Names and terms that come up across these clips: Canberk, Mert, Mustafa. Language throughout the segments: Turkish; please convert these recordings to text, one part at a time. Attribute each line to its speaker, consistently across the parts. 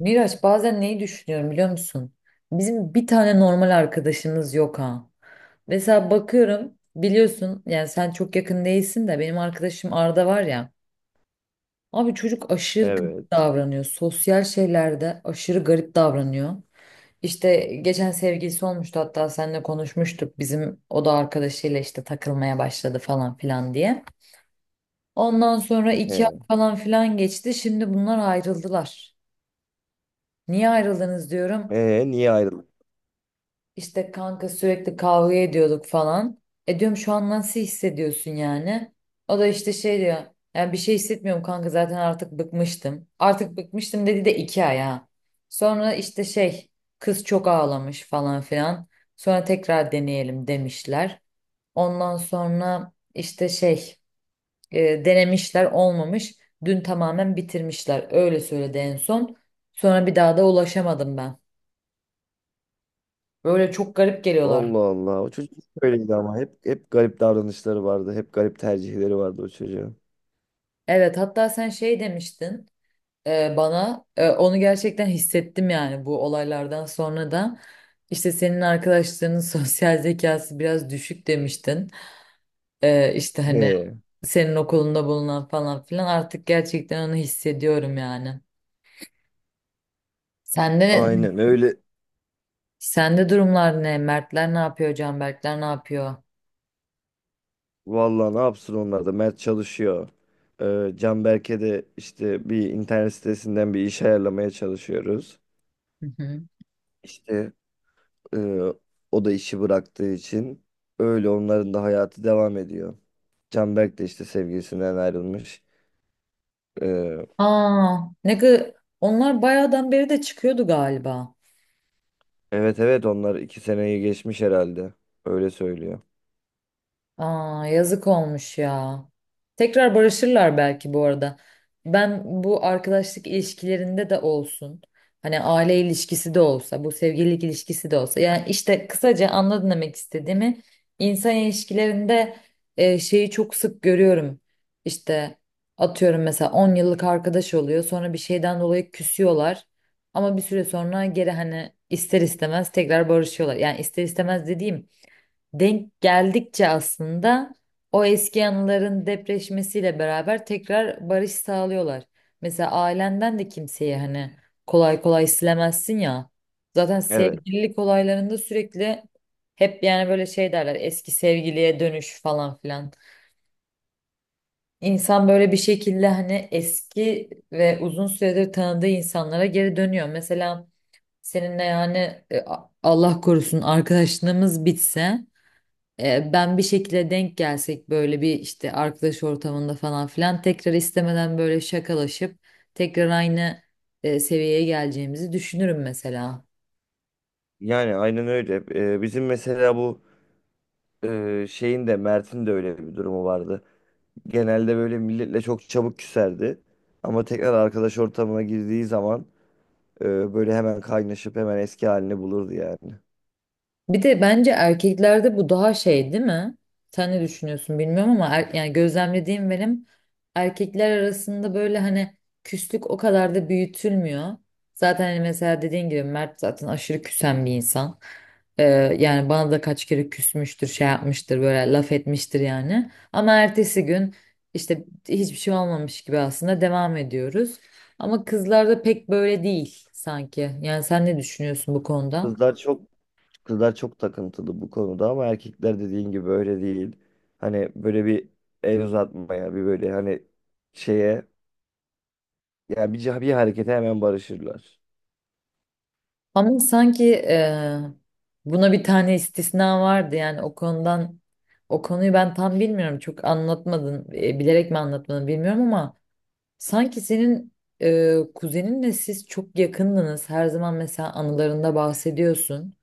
Speaker 1: Miraç bazen neyi düşünüyorum biliyor musun? Bizim bir tane normal arkadaşımız yok ha. Mesela bakıyorum biliyorsun yani sen çok yakın değilsin de benim arkadaşım Arda var ya. Abi çocuk aşırı garip
Speaker 2: Evet.
Speaker 1: davranıyor. Sosyal şeylerde aşırı garip davranıyor. İşte geçen sevgilisi olmuştu hatta seninle konuşmuştuk. Bizim o da arkadaşıyla işte takılmaya başladı falan filan diye. Ondan sonra
Speaker 2: He.
Speaker 1: iki ay falan filan geçti. Şimdi bunlar ayrıldılar. Niye ayrıldınız diyorum.
Speaker 2: Niye ayrıldık?
Speaker 1: İşte kanka sürekli kavga ediyorduk falan. E diyorum şu an nasıl hissediyorsun yani? O da işte şey diyor. Yani bir şey hissetmiyorum kanka zaten artık bıkmıştım. Artık bıkmıştım dedi de iki ay ha. Sonra işte şey kız çok ağlamış falan filan. Sonra tekrar deneyelim demişler. Ondan sonra işte şey denemişler olmamış. Dün tamamen bitirmişler. Öyle söyledi en son. Sonra bir daha da ulaşamadım ben. Böyle çok garip geliyorlar.
Speaker 2: Allah Allah. O çocuk hep böyleydi ama. Hep garip davranışları vardı. Hep garip tercihleri vardı o çocuğun.
Speaker 1: Evet hatta sen şey demiştin bana onu gerçekten hissettim yani bu olaylardan sonra da işte senin arkadaşlarının sosyal zekası biraz düşük demiştin. E, işte hani
Speaker 2: He.
Speaker 1: senin okulunda bulunan falan filan artık gerçekten onu hissediyorum yani. Sende
Speaker 2: Aynen öyle.
Speaker 1: sende durumlar ne? Mertler ne yapıyor? Canberkler ne yapıyor?
Speaker 2: Vallahi ne yapsın onlar da. Mert çalışıyor. Canberk'e de işte bir internet sitesinden bir iş ayarlamaya çalışıyoruz.
Speaker 1: Hı hı.
Speaker 2: İşte e, o da işi bıraktığı için öyle onların da hayatı devam ediyor. Canberk de işte sevgilisinden ayrılmış. Ee,
Speaker 1: Aa, ne kadar, onlar bayağıdan beri de çıkıyordu galiba.
Speaker 2: Evet, evet, onlar iki seneyi geçmiş herhalde. Öyle söylüyor.
Speaker 1: Aa, yazık olmuş ya. Tekrar barışırlar belki bu arada. Ben bu arkadaşlık ilişkilerinde de olsun. Hani aile ilişkisi de olsa, bu sevgililik ilişkisi de olsa. Yani işte kısaca anladın demek istediğimi. İnsan ilişkilerinde şeyi çok sık görüyorum. İşte atıyorum mesela 10 yıllık arkadaş oluyor. Sonra bir şeyden dolayı küsüyorlar. Ama bir süre sonra geri hani ister istemez tekrar barışıyorlar. Yani ister istemez dediğim denk geldikçe aslında o eski anıların depreşmesiyle beraber tekrar barış sağlıyorlar. Mesela ailenden de kimseyi hani kolay kolay silemezsin ya. Zaten
Speaker 2: Evet.
Speaker 1: sevgililik olaylarında sürekli hep yani böyle şey derler eski sevgiliye dönüş falan filan. İnsan böyle bir şekilde hani eski ve uzun süredir tanıdığı insanlara geri dönüyor. Mesela seninle yani e, Allah korusun arkadaşlığımız bitse ben bir şekilde denk gelsek böyle bir işte arkadaş ortamında falan filan tekrar istemeden böyle şakalaşıp tekrar aynı seviyeye geleceğimizi düşünürüm mesela.
Speaker 2: Yani aynen öyle. Bizim mesela bu şeyin de Mert'in de öyle bir durumu vardı. Genelde böyle milletle çok çabuk küserdi. Ama tekrar arkadaş ortamına girdiği zaman böyle hemen kaynaşıp hemen eski halini bulurdu yani.
Speaker 1: Bir de bence erkeklerde bu daha şey değil mi? Sen ne düşünüyorsun bilmiyorum ama yani gözlemlediğim benim erkekler arasında böyle hani küslük o kadar da büyütülmüyor. Zaten hani mesela dediğin gibi Mert zaten aşırı küsen bir insan. Ee, Yani bana da kaç kere küsmüştür, şey yapmıştır, böyle laf etmiştir yani. Ama ertesi gün işte hiçbir şey olmamış gibi aslında devam ediyoruz. Ama kızlarda pek böyle değil sanki. Yani sen ne düşünüyorsun bu konuda?
Speaker 2: Kızlar çok kızlar çok takıntılı bu konuda ama erkekler dediğin gibi öyle değil. Hani böyle bir el uzatmaya bir böyle hani şeye yani bir harekete hemen barışırlar.
Speaker 1: Ama sanki buna bir tane istisna vardı yani o konudan o konuyu ben tam bilmiyorum çok anlatmadın bilerek mi anlatmadın bilmiyorum ama sanki senin kuzeninle siz çok yakındınız her zaman mesela anılarında bahsediyorsun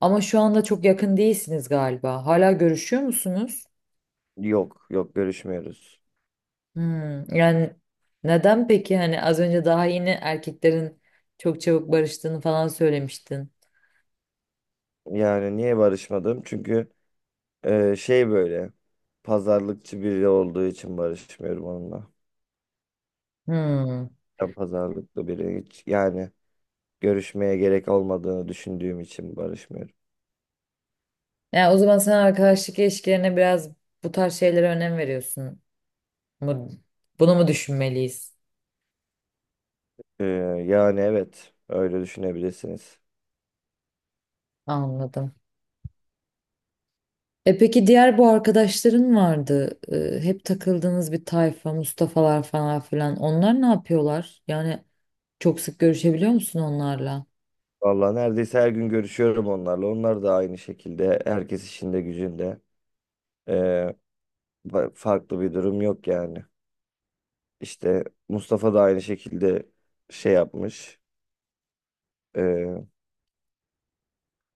Speaker 1: ama şu anda çok yakın değilsiniz galiba hala görüşüyor musunuz?
Speaker 2: Yok, yok, görüşmüyoruz.
Speaker 1: Hmm, yani neden peki hani az önce daha yeni erkeklerin çok çabuk barıştığını falan söylemiştin.
Speaker 2: Yani niye barışmadım? Çünkü şey böyle pazarlıkçı biri olduğu için barışmıyorum onunla.
Speaker 1: Hmm.
Speaker 2: Ben pazarlıklı biri hiç yani görüşmeye gerek olmadığını düşündüğüm için barışmıyorum.
Speaker 1: Yani o zaman sen arkadaşlık ilişkilerine biraz bu tarz şeylere önem veriyorsun. Bu- Bunu mu düşünmeliyiz?
Speaker 2: E, Yani evet öyle düşünebilirsiniz.
Speaker 1: Anladım. E peki diğer bu arkadaşların vardı. Hep takıldığınız bir tayfa, Mustafa'lar falan filan. Onlar ne yapıyorlar? Yani çok sık görüşebiliyor musun onlarla?
Speaker 2: Vallahi neredeyse her gün görüşüyorum onlarla. Onlar da aynı şekilde herkes işinde gücünde. E, Farklı bir durum yok yani. İşte Mustafa da aynı şekilde şey yapmış.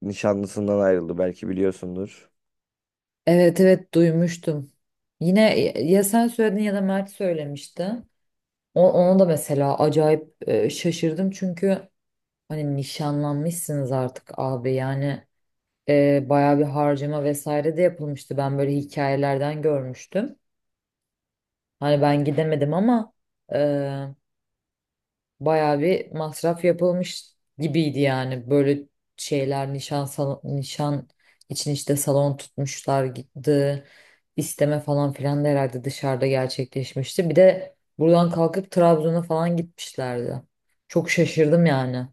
Speaker 2: Nişanlısından ayrıldı, belki biliyorsundur.
Speaker 1: Evet evet duymuştum. Yine ya sen söyledin ya da Mert söylemişti. O, ona da mesela acayip şaşırdım çünkü hani nişanlanmışsınız artık abi yani. Bayağı bir harcama vesaire de yapılmıştı. Ben böyle hikayelerden görmüştüm. Hani ben gidemedim ama e, bayağı bir masraf yapılmış gibiydi yani. Böyle şeyler nişan salon, nişan için işte salon tutmuşlar gitti. İsteme falan filan da herhalde dışarıda gerçekleşmişti. Bir de buradan kalkıp Trabzon'a falan gitmişlerdi. Çok şaşırdım yani.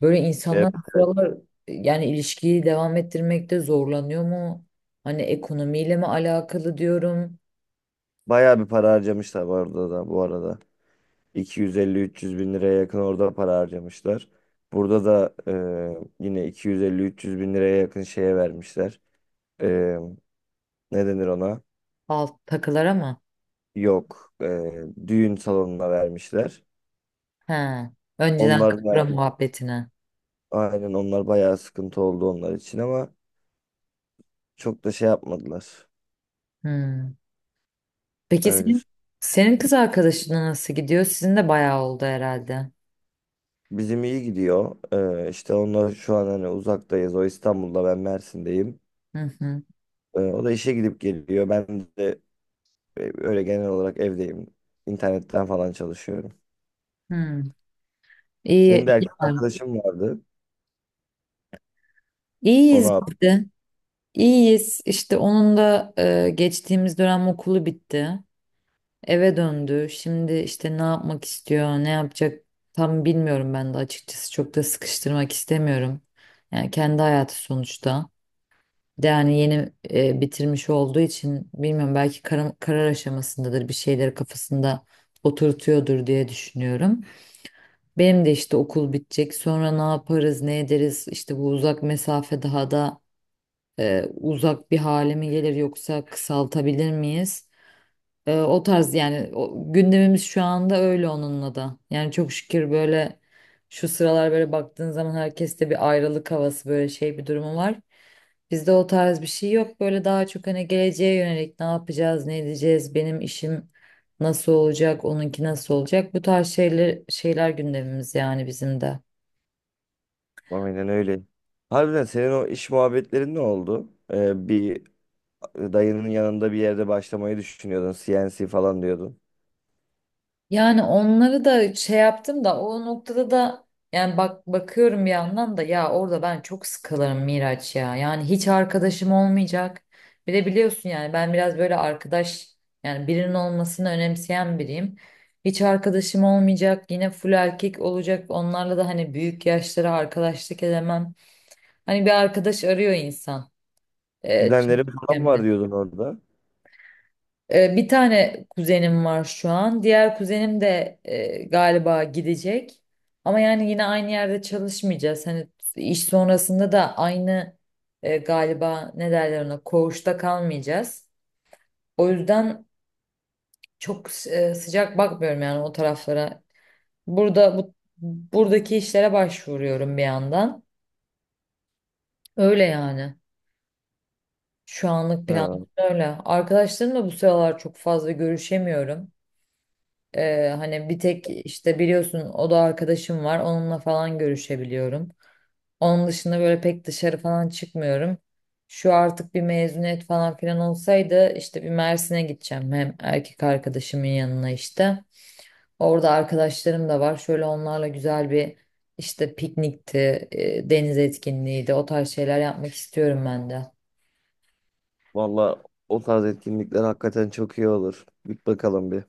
Speaker 1: Böyle
Speaker 2: Evet.
Speaker 1: insanlar bu sıralar yani ilişkiyi devam ettirmekte zorlanıyor mu? Hani ekonomiyle mi alakalı diyorum.
Speaker 2: Bayağı bir para harcamışlar orada da bu arada. 250-300 bin liraya yakın orada para harcamışlar. Burada da yine iki yüz elli üç yüz bin liraya yakın şeye vermişler. E, Ne denir ona?
Speaker 1: Alt takılar ama.
Speaker 2: Yok. Düğün salonuna vermişler.
Speaker 1: He. Önceden
Speaker 2: Onlar da
Speaker 1: kapıra muhabbetine.
Speaker 2: aynen onlar bayağı sıkıntı oldu onlar için ama çok da şey yapmadılar.
Speaker 1: Hmm. Peki
Speaker 2: Öyle.
Speaker 1: senin, senin kız arkadaşına nasıl gidiyor? Sizin de bayağı oldu herhalde.
Speaker 2: Bizim iyi gidiyor. İşte onlar şu an hani uzaktayız. O İstanbul'da, ben Mersin'deyim.
Speaker 1: Hı hı.
Speaker 2: O da işe gidip geliyor. Ben de öyle genel olarak evdeyim. İnternetten falan çalışıyorum.
Speaker 1: Hmm. İyi,
Speaker 2: Senin de
Speaker 1: iyi.
Speaker 2: erkek
Speaker 1: Var.
Speaker 2: arkadaşın vardı. Onu
Speaker 1: İyiyiz
Speaker 2: ab-
Speaker 1: biz de. İyiyiz. İşte onun da geçtiğimiz dönem okulu bitti. Eve döndü. Şimdi işte ne yapmak istiyor, ne yapacak tam bilmiyorum ben de açıkçası. Çok da sıkıştırmak istemiyorum. Yani kendi hayatı sonuçta. Bir de yani yeni bitirmiş olduğu için bilmiyorum belki karar aşamasındadır. Bir şeyleri kafasında oturtuyordur diye düşünüyorum. Benim de işte okul bitecek. Sonra ne yaparız, ne ederiz? İşte bu uzak mesafe daha da uzak bir hale mi gelir yoksa kısaltabilir miyiz? O tarz yani o, gündemimiz şu anda öyle onunla da. Yani çok şükür böyle şu sıralar böyle baktığın zaman herkeste bir ayrılık havası böyle şey bir durumu var. Bizde o tarz bir şey yok. Böyle daha çok hani geleceğe yönelik ne yapacağız, ne edeceğiz, benim işim nasıl olacak, onunki nasıl olacak. Bu tarz şeyler gündemimiz yani bizim de.
Speaker 2: aynen öyle. Harbiden senin o iş muhabbetlerin ne oldu? Bir dayının yanında bir yerde başlamayı düşünüyordun. CNC falan diyordun.
Speaker 1: Yani onları da şey yaptım da o noktada da yani bak bakıyorum bir yandan da ya orada ben çok sıkılırım Miraç ya. Yani hiç arkadaşım olmayacak. Bir de biliyorsun yani ben biraz böyle arkadaş yani birinin olmasını önemseyen biriyim. Hiç arkadaşım olmayacak. Yine full erkek olacak. Onlarla da hani büyük yaşlara arkadaşlık edemem. Hani bir arkadaş arıyor insan. E, çünkü
Speaker 2: Kuzenlerim falan var diyordun orada.
Speaker 1: Bir tane kuzenim var şu an. Diğer kuzenim de galiba gidecek. Ama yani yine aynı yerde çalışmayacağız. Hani iş sonrasında da aynı galiba ne derler ona koğuşta kalmayacağız. O yüzden çok sıcak bakmıyorum yani o taraflara. Burada buradaki işlere başvuruyorum bir yandan. Öyle yani. Şu anlık plan
Speaker 2: Ha,
Speaker 1: öyle. Arkadaşlarımla bu sıralar çok fazla görüşemiyorum. Hani bir tek işte biliyorsun o da arkadaşım var. Onunla falan görüşebiliyorum. Onun dışında böyle pek dışarı falan çıkmıyorum. Şu artık bir mezuniyet falan filan olsaydı işte bir Mersin'e gideceğim. Hem erkek arkadaşımın yanına işte. Orada arkadaşlarım da var. Şöyle onlarla güzel bir işte piknikti, deniz etkinliğiydi. O tarz şeyler yapmak istiyorum ben de.
Speaker 2: valla o tarz etkinlikler hakikaten çok iyi olur. Bir bakalım bir.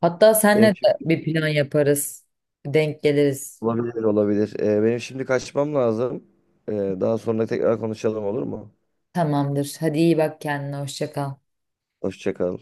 Speaker 1: Hatta senle
Speaker 2: Benim
Speaker 1: de
Speaker 2: şimdi
Speaker 1: bir plan yaparız. Denk geliriz.
Speaker 2: olabilir, olabilir. Benim şimdi kaçmam lazım. Ee, Daha sonra tekrar konuşalım, olur mu?
Speaker 1: Tamamdır. Hadi iyi bak kendine. Hoşça kal.
Speaker 2: Hoşça kal.